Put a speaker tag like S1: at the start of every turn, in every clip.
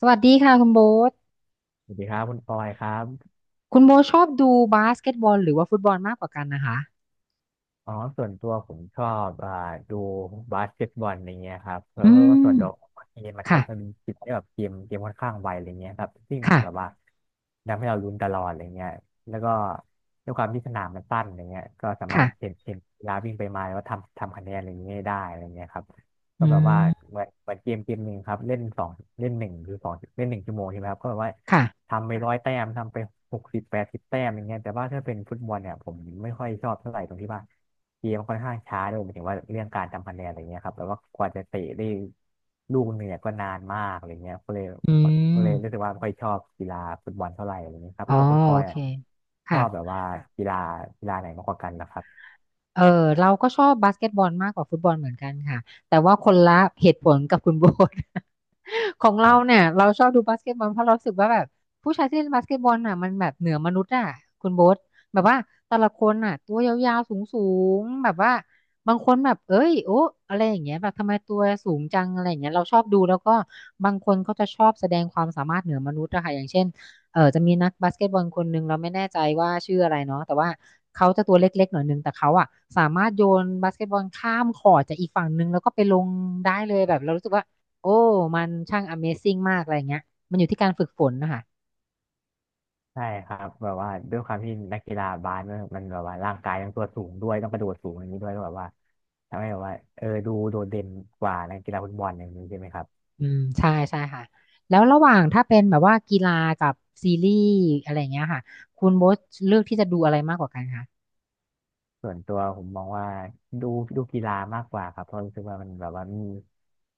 S1: สวัสดีค่ะคุณโบ๊ท
S2: สวัสดีครับคุณปอยครับ
S1: คุณโบ๊ทชอบดูบาสเกตบอลหรือว่าฟุตบอลมากกว่ากันนะคะ
S2: อ๋อส่วนตัวผมชอบดูบาสเกตบอลอะไรเงี้ยครับเพ
S1: อื
S2: ราะว่าส่วนตัว
S1: ม
S2: เกมมันก็มันมี
S1: ค่ะ
S2: จิตที่แบบเกมค่อนข้างไวอะไรเงี้ยครับซึ่ง
S1: ค่ะ
S2: แบบว่าทำให้เราลุ้นตลอดอะไรเงี้ยแล้วก็ด้วยความที่สนามมันสั้นอะไรเงี้ยก็สามารถเห็
S1: ค่ะ
S2: นเห็นกีฬาวิ่งไปมาแล้วก็ทำคะแนนอะไรเงี้ยได้อะไรเงี้ยครับก็
S1: อื
S2: แบบว่า
S1: ม
S2: เหมือนเกมหนึ่งครับเล่นหนึ่งหรือสองเล่นหนึ่งชั่วโมงใช่ไหมครับก็แบบว่า
S1: ค่ะ
S2: ทำไป100 แต้มทำไป60 80 แต้มอย่างเงี้ยแต่ว่าถ้าเป็นฟุตบอลเนี่ยผมไม่ค่อยชอบเท่าไหร่ตรงที่ว่า เกมค่อนข้างช้าด้วยหมายถึงว่าเรื่องการทำคะแนนอะไรเงี้ยครับแบบว่ากว่าจะเตะได้ลูกหนึ่งเนี่ยก็นานมากอะไรเงี้ยก็เลย
S1: อื
S2: ก็
S1: ม
S2: เลยรู้สึกว่าไม่ค่อยชอบกีฬาฟุตบอลเท่าไหร่อะไรเงี้ยครับ
S1: อ๋อ
S2: แล้วแบบคุณปอ
S1: โอ
S2: ย
S1: เค
S2: อ่ะช
S1: ค่ะ
S2: อบแบบว่ากีฬากีฬาไหนมากกว่ากันนะครับ
S1: เออเราก็ชอบบาสเกตบอลมากกว่าฟุตบอลเหมือนกันค่ะแต่ว่าคนละเหตุผลกับคุณโบท ของ
S2: ค
S1: เรา
S2: รั
S1: เนี่
S2: บ
S1: ยเราชอบดูบาสเกตบอลเพราะเรารู้สึกว่าแบบผู้ชายที่เล่นบาสเกตบอลน่ะมันแบบเหนือมนุษย์อ่ะคุณโบทแบบว่าแต่ละคนน่ะตัวยาวๆสูงๆแบบว่าบางคนแบบเอ้ยโอ้อะไรอย่างเงี้ยแบบทำไมตัวสูงจังอะไรอย่างเงี้ยเราชอบดูแล้วก็บางคนเขาจะชอบแสดงความสามารถเหนือมนุษย์อะค่ะอย่างเช่น เออจะมีนักบาสเกตบอลคนหนึ่งเราไม่แน่ใจว่าชื่ออะไรเนาะแต่ว่าเขาจะตัวเล็กๆหน่อยหนึงแต่เขาอ่ะสามารถโยนบาสเกตบอลข้ามคอร์ตจากอีกฝั่งหนึ่งแล้วก็ไปลงได้เลยแบบเรารู้สึกว่าโอ้มันช่าง Amazing มากอะไรเงี้ยมันอยู่ที่การฝึกฝนนะคะ
S2: ใช่ครับแบบว่าด้วยความที่นักกีฬาบาสมันมันแบบว่าร่างกายต้องตัวสูงด้วยต้องกระโดดสูงอย่างนี้ด้วยก็แบบว่าทำให้แบบว่าเออดูโดดเด่นกว่านักกีฬาฟุตบอลอย่างนี้ใช่ไหมครับ
S1: อืมใช่ใช่ค่ะแล้วระหว่างถ้าเป็นแบบว่ากีฬากับซีรีส์อะไรเงี้ยค่ะคุณโบ๊ทเลือกที่จะดูอะไรมากกว่ากันคะ
S2: ส่วนตัวผมมองว่าดูดูกีฬามากกว่าครับเพราะรู้สึกว่ามันแบบว่ามี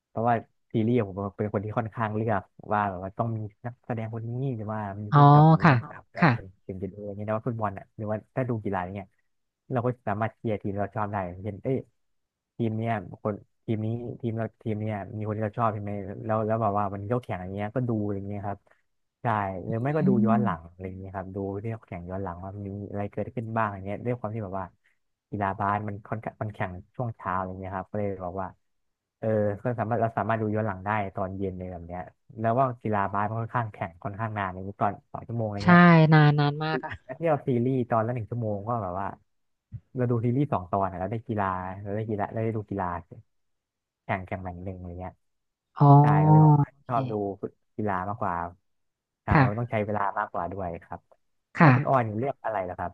S2: เพราะว่าซีรีส์ผมเป็นคนที่ค่อนข้างเลือกว่าแบบว่าต้องมีนักแสดงคนนี้หรือว่ามี
S1: อ๋อ
S2: ผู้กำกับคนนี้
S1: ค่ะ
S2: กำกับแล้ว
S1: ค่ะ
S2: ถึงจะดูอย่างเงี้ยนะว่าฟุตบอลอ่ะหรือว่าถ้าดูกีฬาอย่างเงี้ยเราก็สามารถเชียร์ทีมเราชอบได้อย่างเช่นเอ้ย ทีมเนี้ยคนทีมนี้ทีมเราทีมเนี้ยมีคนที่เราชอบใช่ไหมแล้วแบบว่ามันยกแข่งอย่างเงี้ยก็ดูอย่างเงี้ยครับใช่ห
S1: อ
S2: รือไม่ก็
S1: ื
S2: ดูย้อนหลัง
S1: ม
S2: อะไรอย่างเงี้ยครับดูที่เขาแข่งย้อนหลังว่ามีอะไรเกิดขึ้นบ้างอย่างเงี้ยด้วยความที่แบบว่ากีฬาบาสมันค่อนข้างมันแข่งช่วงเช้าอย่างเงี้ยครับก็เลยบอกว่าเออก็สามารถเราสามารถดูย้อนหลังได้ตอนเย็นเลยแบบเนี้ยแล้วว่ากีฬาบาสมันค่อนข้างแข่งค่อนข้างนานอย่างนี้ตอน2 ชั่วโมงอะไร
S1: ใช่
S2: เงี้ย
S1: นานนานมากอ่ะ
S2: แล้วที่เราซีรีส์ตอนละหนึ่งชั่วโมงก็แบบว่าเราดูซีรีส์2 ตอนอะแล้วได้กีฬาเราได้กีฬาเราได้ดูกีฬาแข่งแข่งหนึ่งอะไรเงี้ย
S1: อ๋อ
S2: ใช่ก็เลยบอก
S1: โอ
S2: ช
S1: เค
S2: อบดูกีฬามากกว่าใช่เพราะมันต้อง
S1: ค่ะ
S2: ใช้เวลามากกว่าด้วยครับแล้ว
S1: ค่ะ
S2: คุณออยเลือกอะไรล่ะครับ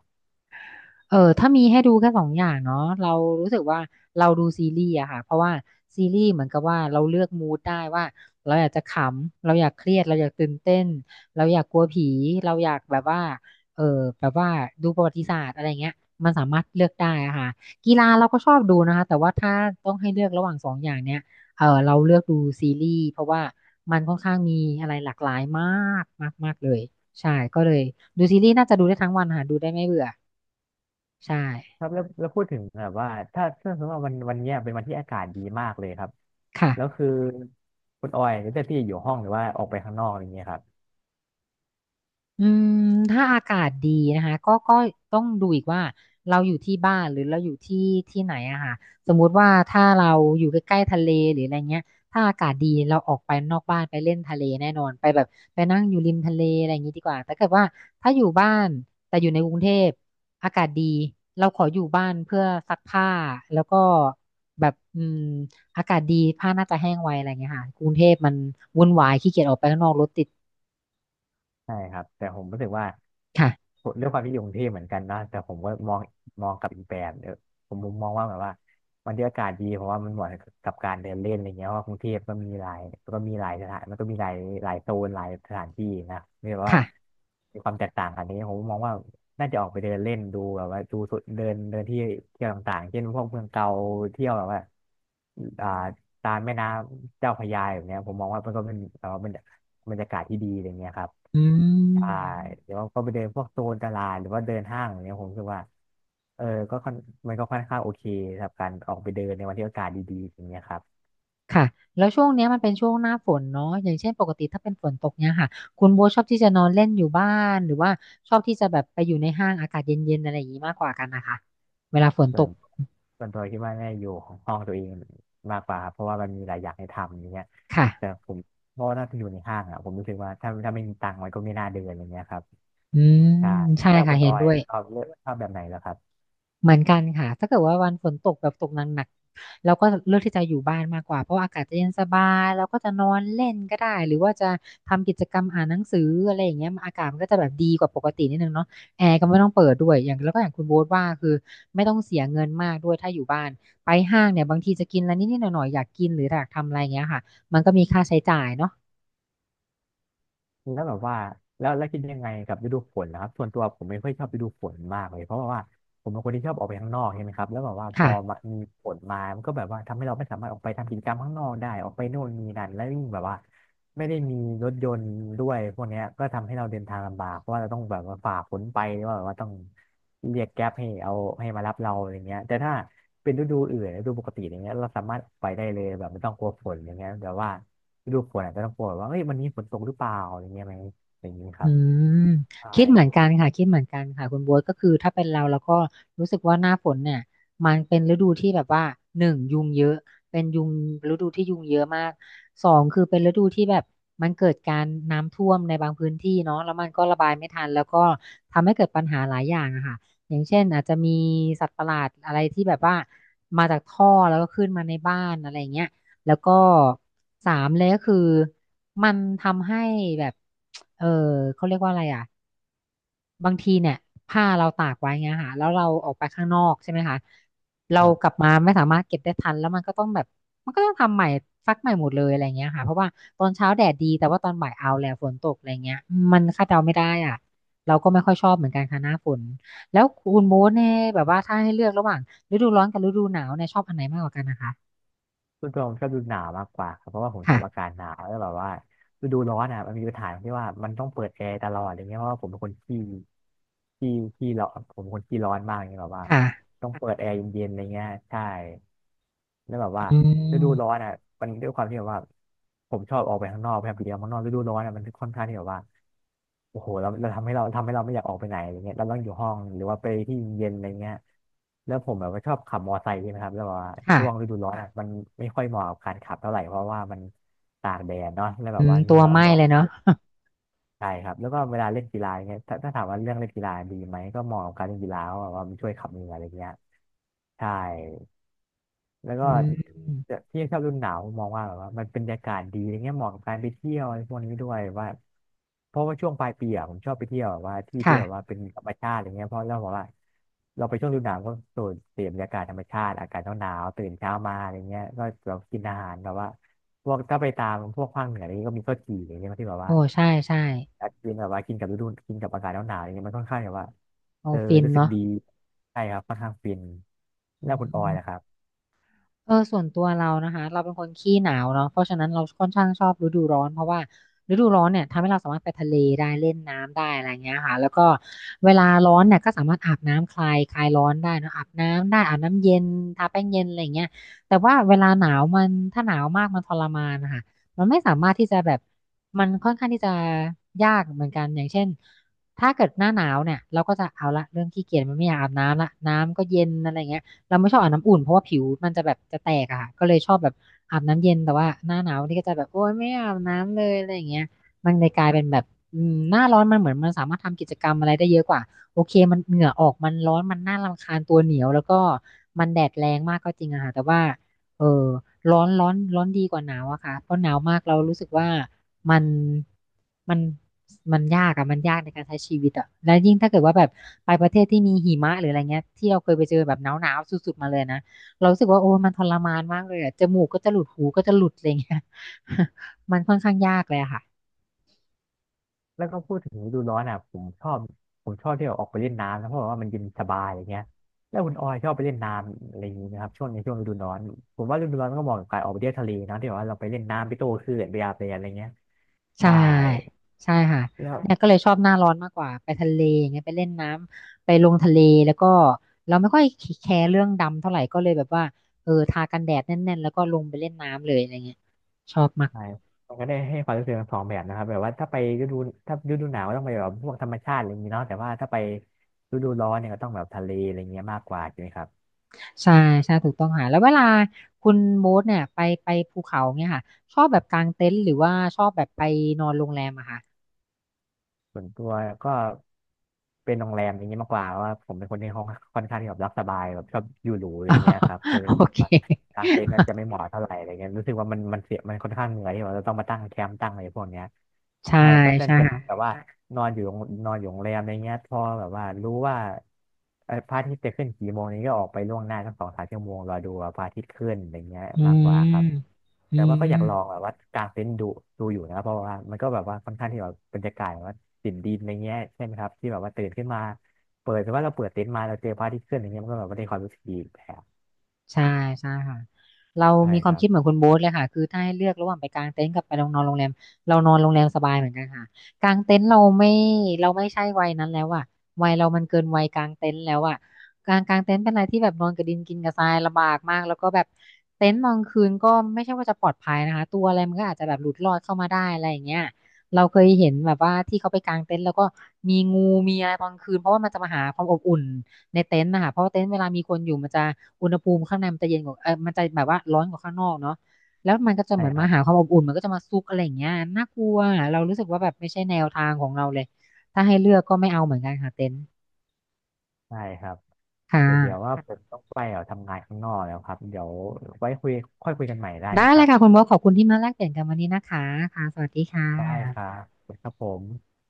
S1: เออถ้ามีให้ดูแค่สองอย่างเนาะเรารู้สึกว่าเราดูซีรีส์อะค่ะเพราะว่าซีรีส์เหมือนกับว่าเราเลือกมูดได้ว่าเราอยากจะขำเราอยากเครียดเราอยากตื่นเต้นเราอยากกลัวผีเราอยากแบบว่าเออแบบว่าดูประวัติศาสตร์อะไรเงี้ยมันสามารถเลือกได้อะค่ะกีฬาเราก็ชอบดูนะคะแต่ว่าถ้าต้องให้เลือกระหว่างสองอย่างเนี้ยเออเราเลือกดูซีรีส์เพราะว่ามันค่อนข้างมีอะไรหลากหลายมากมากมากเลยใช่ก็เลยดูซีรีส์น่าจะดูได้ทั้งวันค่ะดูได้ไม่เบื่อใช่
S2: ครับแล้วพูดถึงแบบว่าถ้าสมมติว่าวันเนี้ยเป็นวันที่อากาศดีมากเลยครับ
S1: ค่ะ
S2: แล้วคือคุณออยจะเลือกที่จะอยู่ห้องหรือว่าออกไปข้างนอกอะไรเงี้ยครับ
S1: อืมถ้าอากาศดีนะคะก็ต้องดูอีกว่าเราอยู่ที่บ้านหรือเราอยู่ที่ที่ไหนอะค่ะสมมุติว่าถ้าเราอยู่ใกล้ๆทะเลหรืออะไรเงี้ยถ้าอากาศดีเราออกไปนอกบ้านไปเล่นทะเลแน่นอนไปแบบไปนั่งอยู่ริมทะเลอะไรอย่างงี้ดีกว่าแต่เกิดว่าถ้าอยู่บ้านแต่อยู่ในกรุงเทพอากาศดีเราขออยู่บ้านเพื่อซักผ้าแล้วก็แบบอืมอากาศดีผ้าน่าจะแห้งไวอะไรเงี้ยค่ะกรุงเทพมันวุ่นวายขี้เกียจออกไปข้างนอกรถติด
S2: ใช่ครับแต่ผมรู้สึกว่า
S1: ค่ะ
S2: เรื้องความที่อยู่กรุงเทพเหมือนกันนะแต่ผมก็มองกลับอีกแบบเออผมมุมมองว่าแบบว่าวันที่อากาศดีเพราะว่ามันเหมาะกับการเดินเล่นอะไรเงี้ยเพราะว่ากรุงเทพก็มีหลายสถานมันก็มีหลายโซนหลายสถานที่นะไม่แบบว่า
S1: ค่ะ
S2: มีความแตกต่างกันนี้ผมมองว่าน่าจะออกไปเดินเล่นดูแบบว่าดูสุดเดินเดินที่เที่ยวต่างๆเช่นพวกเมืองเก่าเที่ยวแบบว่าอ่าตามแม่น้ำเจ้าพระยาแบบเนี้ยผมมองว่ามันก็เป็นแบบว่าเป็นบรรยากาศที่ดีอะไรเงี้ยครับ
S1: อื
S2: ใช่
S1: ม
S2: หรือว่าก็ไปเดินพวกโซนตลาดหรือว่าเดินห้างอย่างเนี้ยผมรู้สึกว่าเออก็ค่อนมันก็ค่อนข้างโอเคสำหรับการออกไปเดินในวันที่อากาศดีๆอย่างเงี้ยครับ
S1: ค่ะ แล้วช่วงเนี้ยมันเป็นช่วงหน้าฝนเนาะอย่างเช่นปกติถ้าเป็นฝนตกเนี้ยค่ะ คุณโบชอบที่จะนอนเล่นอยู่บ้านหรือว่าชอบที่จะแบบไปอยู่ในห้างอากาศเย็นๆอะไรอย่างนี้มากกว่ากันนะคะ เวลาฝน
S2: ส่
S1: ต
S2: วน
S1: ก
S2: ส่วนตัวคิดว่าน่าจะอยู่ของห้องตัวเองมากกว่าครับเพราะว่ามันมีหลายอย่างให้ทำอย่างเงี้ย
S1: ค่ะ
S2: แต่ผมเพราะว่าน่าจะอยู่ในห้างอ่ะผมรู้สึกว่าถ้าไม่มีตังค์มันก็ไม่น่าเดินอย่างเงี้ยครับ
S1: อืม
S2: ใช่
S1: ใช่
S2: แล้ว
S1: ค่ะ
S2: คุณ
S1: เห็
S2: อ
S1: น
S2: อย
S1: ด้วย
S2: ชอบเลือกชอบแบบไหนแล้วครับ
S1: เหมือนกันค่ะ ถ้าเกิดว่าวันฝนตกแบบตกหนักๆเราก็เลือกที่จะอยู่บ้านมากกว่า เพราะว่าอากาศจะเย็นสบายเราก็จะนอนเล่นก็ได้ หรือว่าจะทำกิจกรรมอ่านหนังสืออะไรอย่างเงี้ยอากาศมันก็จะแบบดีกว่าปกตินิดนึงเนาะแอร์ก็ไม่ต้องเปิดด้วยอย่างแล้วก็อย่างคุณโบ๊ทว่าคือไม่ต้องเสียเงินมากด้วยถ้าอยู่บ้าน ไปห้างเนี่ยบางทีจะกินอะไรนิดๆหน่อยๆอยากกินหรืออยากทำอะไรเงี้ยค่ะมันก็มีค่าใช้จ่ายเนาะ
S2: แล้วแบบว่าแล้วแล้วคิดยังไงกับฤดูฝนนะครับส่วนตัวผมไม่ค่อยชอบฤดูฝนมากเลยเพราะว่าผมเป็นคนที่ชอบออกไปข้างนอกใช่ไหมครับแล้วแบบว่าพ
S1: ค่ะ
S2: อมามีฝนมามันก็แบบว่าทำให้เราไม่สามารถออกไปทำกิจกรรมข้างนอกได้ออกไปโน่นนี่นั่นแล้วยิ่งแบบว่าไม่ได้มีรถยนต์ด้วยพวกเนี้ยก็ทำให้เราเดินทางลำบากเพราะว่าเราต้องแบบว่าฝ่าฝนไปหรือว่าแบบว่าต้องเรียกแก๊ปให้เอาให้มารับเราอะไรเงี้ยแต่ถ้าเป็นฤดูอื่นฤดูปกติอย่างเงี้ยเราสามารถออกไปได้เลยแบบไม่ต้องกลัวฝนอย่างเงี้ยแต่ว่า ฤดูฝนอาจจะต้องกลัวว่าเอ้ยวันนี้ฝนตกหรือเปล่าอะไรเงี้ยไหมอะไรอย่างนี้ค
S1: อื
S2: รับ
S1: ม
S2: ใช่
S1: คิดเหมือนกันค่ะคิดเหมือนกันค่ะคุณบ๊วยก็คือถ้าเป็นเราก็รู้สึกว่าหน้าฝนเนี่ยมันเป็นฤดูที่แบบว่าหนึ่งยุงเยอะเป็นยุงฤดูที่ยุงเยอะมากสองคือเป็นฤดูที่แบบมันเกิดการน้ำท่วมในบางพื้นที่เนาะแล้วมันก็ระบายไม่ทันแล้วก็ทำให้เกิดปัญหาหลายอย่างอะค่ะอย่างเช่นอาจจะมีสัตว์ประหลาดอะไรที่แบบว่ามาจากท่อแล้วก็ขึ้นมาในบ้านอะไรอย่างเงี้ย แล้วก็สามเลยก็คือมันทำให้แบบเออเขาเรียกว่าอะไรอ่ะบางทีเนี่ยผ้าเราตากไว้เงี้ยค่ะแล้วเราออกไปข้างนอกใช่ไหมคะเรา
S2: ครั
S1: กลั
S2: บ
S1: บมาไม่สามารถเก็บได้ทันแล้วมันก็ต้องแบบมันก็ต้องทำใหม่ซักใหม่หมดเลยอะไรเงี้ยค่ะเพราะว่าตอนเช้าแดดดีแต่ว่าตอนบ่ายเอาแล้วฝนตกอะไรเงี้ยมันคาดเดาไม่ได้อ่ะเราก็ไม่ค่อยชอบเหมือนกันค่ะหน้าฝนแล้วคุณโบ๊ทเนี่ยแบบว่าถ้าให้เลือกระหว่างฤดูร้อนกับฤดูหนาวเนี่ยชอบอันไหนมากกว่ากันนะคะ
S2: ส่วนตัวผมชอบฤดูหนาวมากกว่าครับเพราะว่าผมชอบอา
S1: ค่ะ
S2: กาศหนาวแล้วแบบว่าฤดูร้อนอ่ะมันมีปัญหาที่ว่ามันต้องเปิดแอร์ตลอดอะไรเงี้ยเพราะว่าผมเป็นคนขี้ขี้ร้อนผมเป็นคนขี้ร้อนมากอย่างเงี้ยแบบว่า
S1: ค่ะ
S2: ต้องเปิดแอร์เย็นๆอะไรเงี้ยใช่แล้วแบบว่า
S1: อื
S2: ฤดูร้อ
S1: ม
S2: นอ่ะมันด้วยความที่แบบว่าผมชอบออกไปข้างนอกแบบเดียวข้างนอกฤดูร้อนอ่ะมันค่อนข้างที่แบบว่าโอ้โหเราทำให้เราไม่อยากออกไปไหนอะไรเงี้ยเราต้องอยู่ห้องหรือว่าไปที่เย็นอะไรเงี้ยแล้วผมแบบว่าชอบขับมอไซค์ใช่ไหมครับแล้วแบบว่า
S1: ค่ะ
S2: ช่วงฤดูร้อนอ่ะมันไม่ค่อยเหมาะกับการขับเท่าไหร่เพราะว่ามันตากแดดเนาะแล้วแบ
S1: อื
S2: บ
S1: ม
S2: ว่าเห
S1: ตั
S2: งื่
S1: ว
S2: อ
S1: ไห
S2: มั
S1: ม้
S2: นออ
S1: เล
S2: ก
S1: ยเนาะ
S2: ใช่ครับแล้วก็เวลาเล่นกีฬายเนี่ยถ้าถามว่าเรื่องเล่นกีฬาดีไหมก็เหมาะกับการเล่นกีฬาเพราะว่ามันช่วยขับเหงื่ออะไรเงี้ยใช่แล้วก็
S1: อืม
S2: แต่พี่ชอบฤดูหนาวมองว่าแบบว่ามันเป็นบรรยากาศดีอะไรเงี้ยเหมาะกับการไปเที่ยวอะไรพวกนี้ด้วยว่าเพราะว่าช่วงปลายปีอะผมชอบไปเที่ยวแบบว่าที่ที่แบบว่า
S1: ค่ะ
S2: เป็นธรรมชาติอะไรเงี้ยเพราะเราบอกว่าเราไปช่วงฤดูหนาวก็สูดเสพบรรยากาศธรรมชาติอากาศหนาวๆตื่นเช้ามาอะไรเงี้ยก็เรากินอาหารแบบว่าพวกถ้าไปตามพวกภาคเหนืออะไรเงี้ยก็มีข้าวจี่อะไรเงี้ยที่แบบ
S1: โอ้
S2: ว่า
S1: ใช่ใช่
S2: อาจจะกินแบบว่ากินกับฤดูกินกับอากาศหนาวๆอะไรเงี้ยมันค่อนข้างแบบว่า
S1: โอ้
S2: เออ
S1: ฟิน
S2: รู้สึก
S1: เนาะ
S2: ดีใช่ครับค่อนข้างฟิน
S1: อ
S2: แล้วคุณออยล่ะ
S1: ื
S2: ครับ
S1: ส่วนตัวเรานะคะเราเป็นคนขี้หนาวเนาะเพราะฉะนั้นเราค่อนข้างชอบฤดูร้อนเพราะว่าฤดูร้อนเนี่ยทำให้เราสามารถไปทะเลได้เล่นน้ำได้อะไรเงี้ยค่ะแล้วก็เวลาร้อนเนี่ยก็สามารถอาบน้ำคลายร้อนได้เนอะอาบน้ำได้อาบน้ำเย็นทาแป้งเย็นอะไรเงี้ยแต่ว่าเวลาหนาวมันถ้าหนาวมากมันทรมานนะคะมันไม่สามารถที่จะแบบมันค่อนข้างที่จะยากเหมือนกันอย่างเช่นถ้าเกิดหน้าหนาวเนี่ยเราก็จะเอาละเริ่มขี้เกียจมันไม่อยากอาบน้ำละน้ำก็เย็นอะไรเงี้ย เราไม่ชอบอาบน้ำอุ่นเพราะว่าผิวมันจะแบบจะแตกอะค่ะก็เลยชอบแบบอาบน้ำเย็นแต่ว่าหน้าหนาวนี่ก็จะแบบโอ๊ยไม่อาบน้ำเลยอะไรอย่างเงี้ยมันเลยกลายเป็นแบบอืมหน้าร้อนมันเหมือนมันสามารถทำกิจกรรมอะไรได้เยอะกว่าโอเคมันเหงื่อออกมันร้อนมันน่ารำคาญตัวเหนียวแล้วก็มันแดดแรงมากก็จริงอะค่ะแต่ว่าเออร้อนร้อนร้อนดีกว่าหนาวอะค่ะเพราะหนาวมากเรารู้สึกว่า มันมันมันยากอะมันยากในการใช้ชีวิตอะแล้วยิ่งถ้าเกิดว่าแบบไปประเทศที่มีหิมะหรืออะไรเงี้ยที่เราเคยไปเจอแบบหนาวหนาวสุดๆมาเลยนะเรารู้สึกว่าโอ้ยมันทรมานมากเลยอะจมูกก็จะหลุดหูก็จะหลุดอะไรเงี้ย มันค่อนข้างยากเลยอะค่ะ
S2: แล้วก็พูดถึงฤดูร้อนอ่ะผมชอบที่แบบออกไปเล่นน้ำนะเพราะว่ามันเย็นสบายอย่างเงี้ยแล้วคุณออยชอบไปเล่นน้ำอะไรอย่างงี้นะครับช่วงในช่วงฤดูร้อนผมว่าฤดูร้อนก็เหมาะกับการออกไปเที่ยวทะเลนะที่แบบว่าเราไปเล่นน้ำไปโต้คลื่นไปอาบแดดอะไรเงี้ย
S1: ใช่
S2: ใช่
S1: ใช่ค่ะ
S2: แล้ว
S1: เนี่ยก็เลยชอบหน้าร้อนมากกว่าไปทะเลอย่างเงี้ยไปเล่นน้ำไปลงทะเลแล้วก็เราไม่ค่อยแคร์เรื่องดำเท่าไหร่ก็เลยแบบว่าทากันแดดแน่นๆแล้วก็ลงไปเล่นน้ำเลยอะไรเงี้ยชอบมาก
S2: ใช่มันก็ได้ให้ความรู้สึกทั้งสองแบบนะครับแบบว่าถ้าฤดูหนาวก็ต้องไปแบบพวกธรรมชาติอะไรอย่างนี้เนาะแต่ว่าถ้าไปฤดูร้อนเนี่ยก็ต้องแบบทะเลอะไรเงี้ยมากกว่าใช่ไหมครับ
S1: ใช่ใช่ถูกต้องค่ะแล้วเวลาคุณโบ๊ทเนี่ยไปไปภูเขาเนี่ยค่ะชอบแบบกางเต็นท์หรือว่าชอบแบบไปนอนโรงแรมอะค่ะ
S2: ส่วนตัวก็เป็นโรงแรมอย่างนี้มากกว่าเพราะว่าผมเป็นคนที่ห้องค่อนข้างที่แบบรักสบายแบบชอบอยู่หรูอะไรเงี้ยครับก็ เล
S1: โอ
S2: ย
S1: เค
S2: ว่ากางเต็นท์นั้นจะไม่เหมาะเท่าไหร่อะไรเงี้ยรู้สึกว่ามันเสียมันค่อนข้างเหนื่อยที่ว่าเราต้องมาตั้งแคมป์ตั้งอะไรพวกเนี้ย
S1: ใช่
S2: ใช่ก็ดัน
S1: ใช่
S2: จะแบบ
S1: ค่ะ
S2: ว่านอนอยู่โรงนอนอยู่โรงแรมอะไรเงี้ยพอแบบว่ารู้ว่าพระอาทิตย์จะขึ้นกี่โมงนี้ก็ออกไปล่วงหน้าสักสองสามชั่วโมงรอดูว่าพระอาทิตย์ขึ้นอะไรเงี้ย
S1: อื
S2: มากกว่าค
S1: ม
S2: รับ
S1: อื
S2: แต่ว่าก็
S1: ม
S2: อยากลองแบบว่าการเต็นดูดูอยู่นะเพราะว่ามันก็แบบว่าค่อนข้างที่แบบบรรยากาศแบบว่าตินดินอะไรเงี้ยใช่ไหมครับที่แบบว่าตื่นขึ้นมาเปิดแต่ว่าเราเปิดเต็นท์มาเราเจอพระอาทิตย์ขึ้นอย่างเงี้ยมันก็แบบว่าได้ความรู้สึกดีอีกแบบ
S1: ใช่ใช่ค่ะเรา
S2: ใช่
S1: มีค
S2: ค
S1: วาม
S2: รับ
S1: คิดเหมือนคุณโบ๊ทเลยค่ะคือถ้าให้เลือกระหว่างไปกางเต็นท์กับไปนอนโรงแรมเรานอนโรงแรมสบายเหมือนกันค่ะกางเต็นท์เราไม่เราไม่ใช่วัยนั้นแล้วอะวัยเรามันเกินวัยกางเต็นท์แล้วอะการกางเต็นท์เป็นอะไรที่แบบนอนกับดินกินกับทรายลำบากมากแล้วก็แบบเต็นท์นอนคืนก็ไม่ใช่ว่าจะปลอดภัยนะคะตัวอะไรมันก็อาจจะแบบหลุดรอดเข้ามาได้อะไรอย่างเงี้ยเราเคยเห็นแบบว่าที่เขาไปกางเต็นท์แล้วก็มีงูมีอะไรตอนคืนเพราะว่ามันจะมาหาความอบอุ่น ในเต็นท์นะคะเพราะว่าเต็นท์เวลามีคนอยู่มันจะอุณหภูมิข้างในมันจะเย็นกว่ามันจะแบบว่าร้อนกว่าข้างนอกเนาะแล้วมันก็จะ
S2: ใช่
S1: เหมือน
S2: ค
S1: มา
S2: รับ
S1: หาความอบอุ่นมันก็จะมาซุกอะไรอย่างเงี้ยน่ากลัวเรารู้สึกว่าแบบไม่ใช่แนวทางของเราเลยถ้าให้เลือกก็ไม่เอาเหมือนกันค่ะเต็นท์
S2: ใช่ครับ
S1: ค่ะ
S2: แต่เดี๋ยวว่าผมต้องไปทำงานข้างนอกแล้วครับเดี๋ยวไว้คุยค่อยคุยกันใหม่ได้ไหม
S1: ได้
S2: ค
S1: เล
S2: รับ
S1: ยค่ะคุณโบทขอบคุณที่มาแลกเปลี่ยนกันวันนี้นะคะค่ะสวัสดีค่ะ
S2: ได้ครับขอบคุณครับผม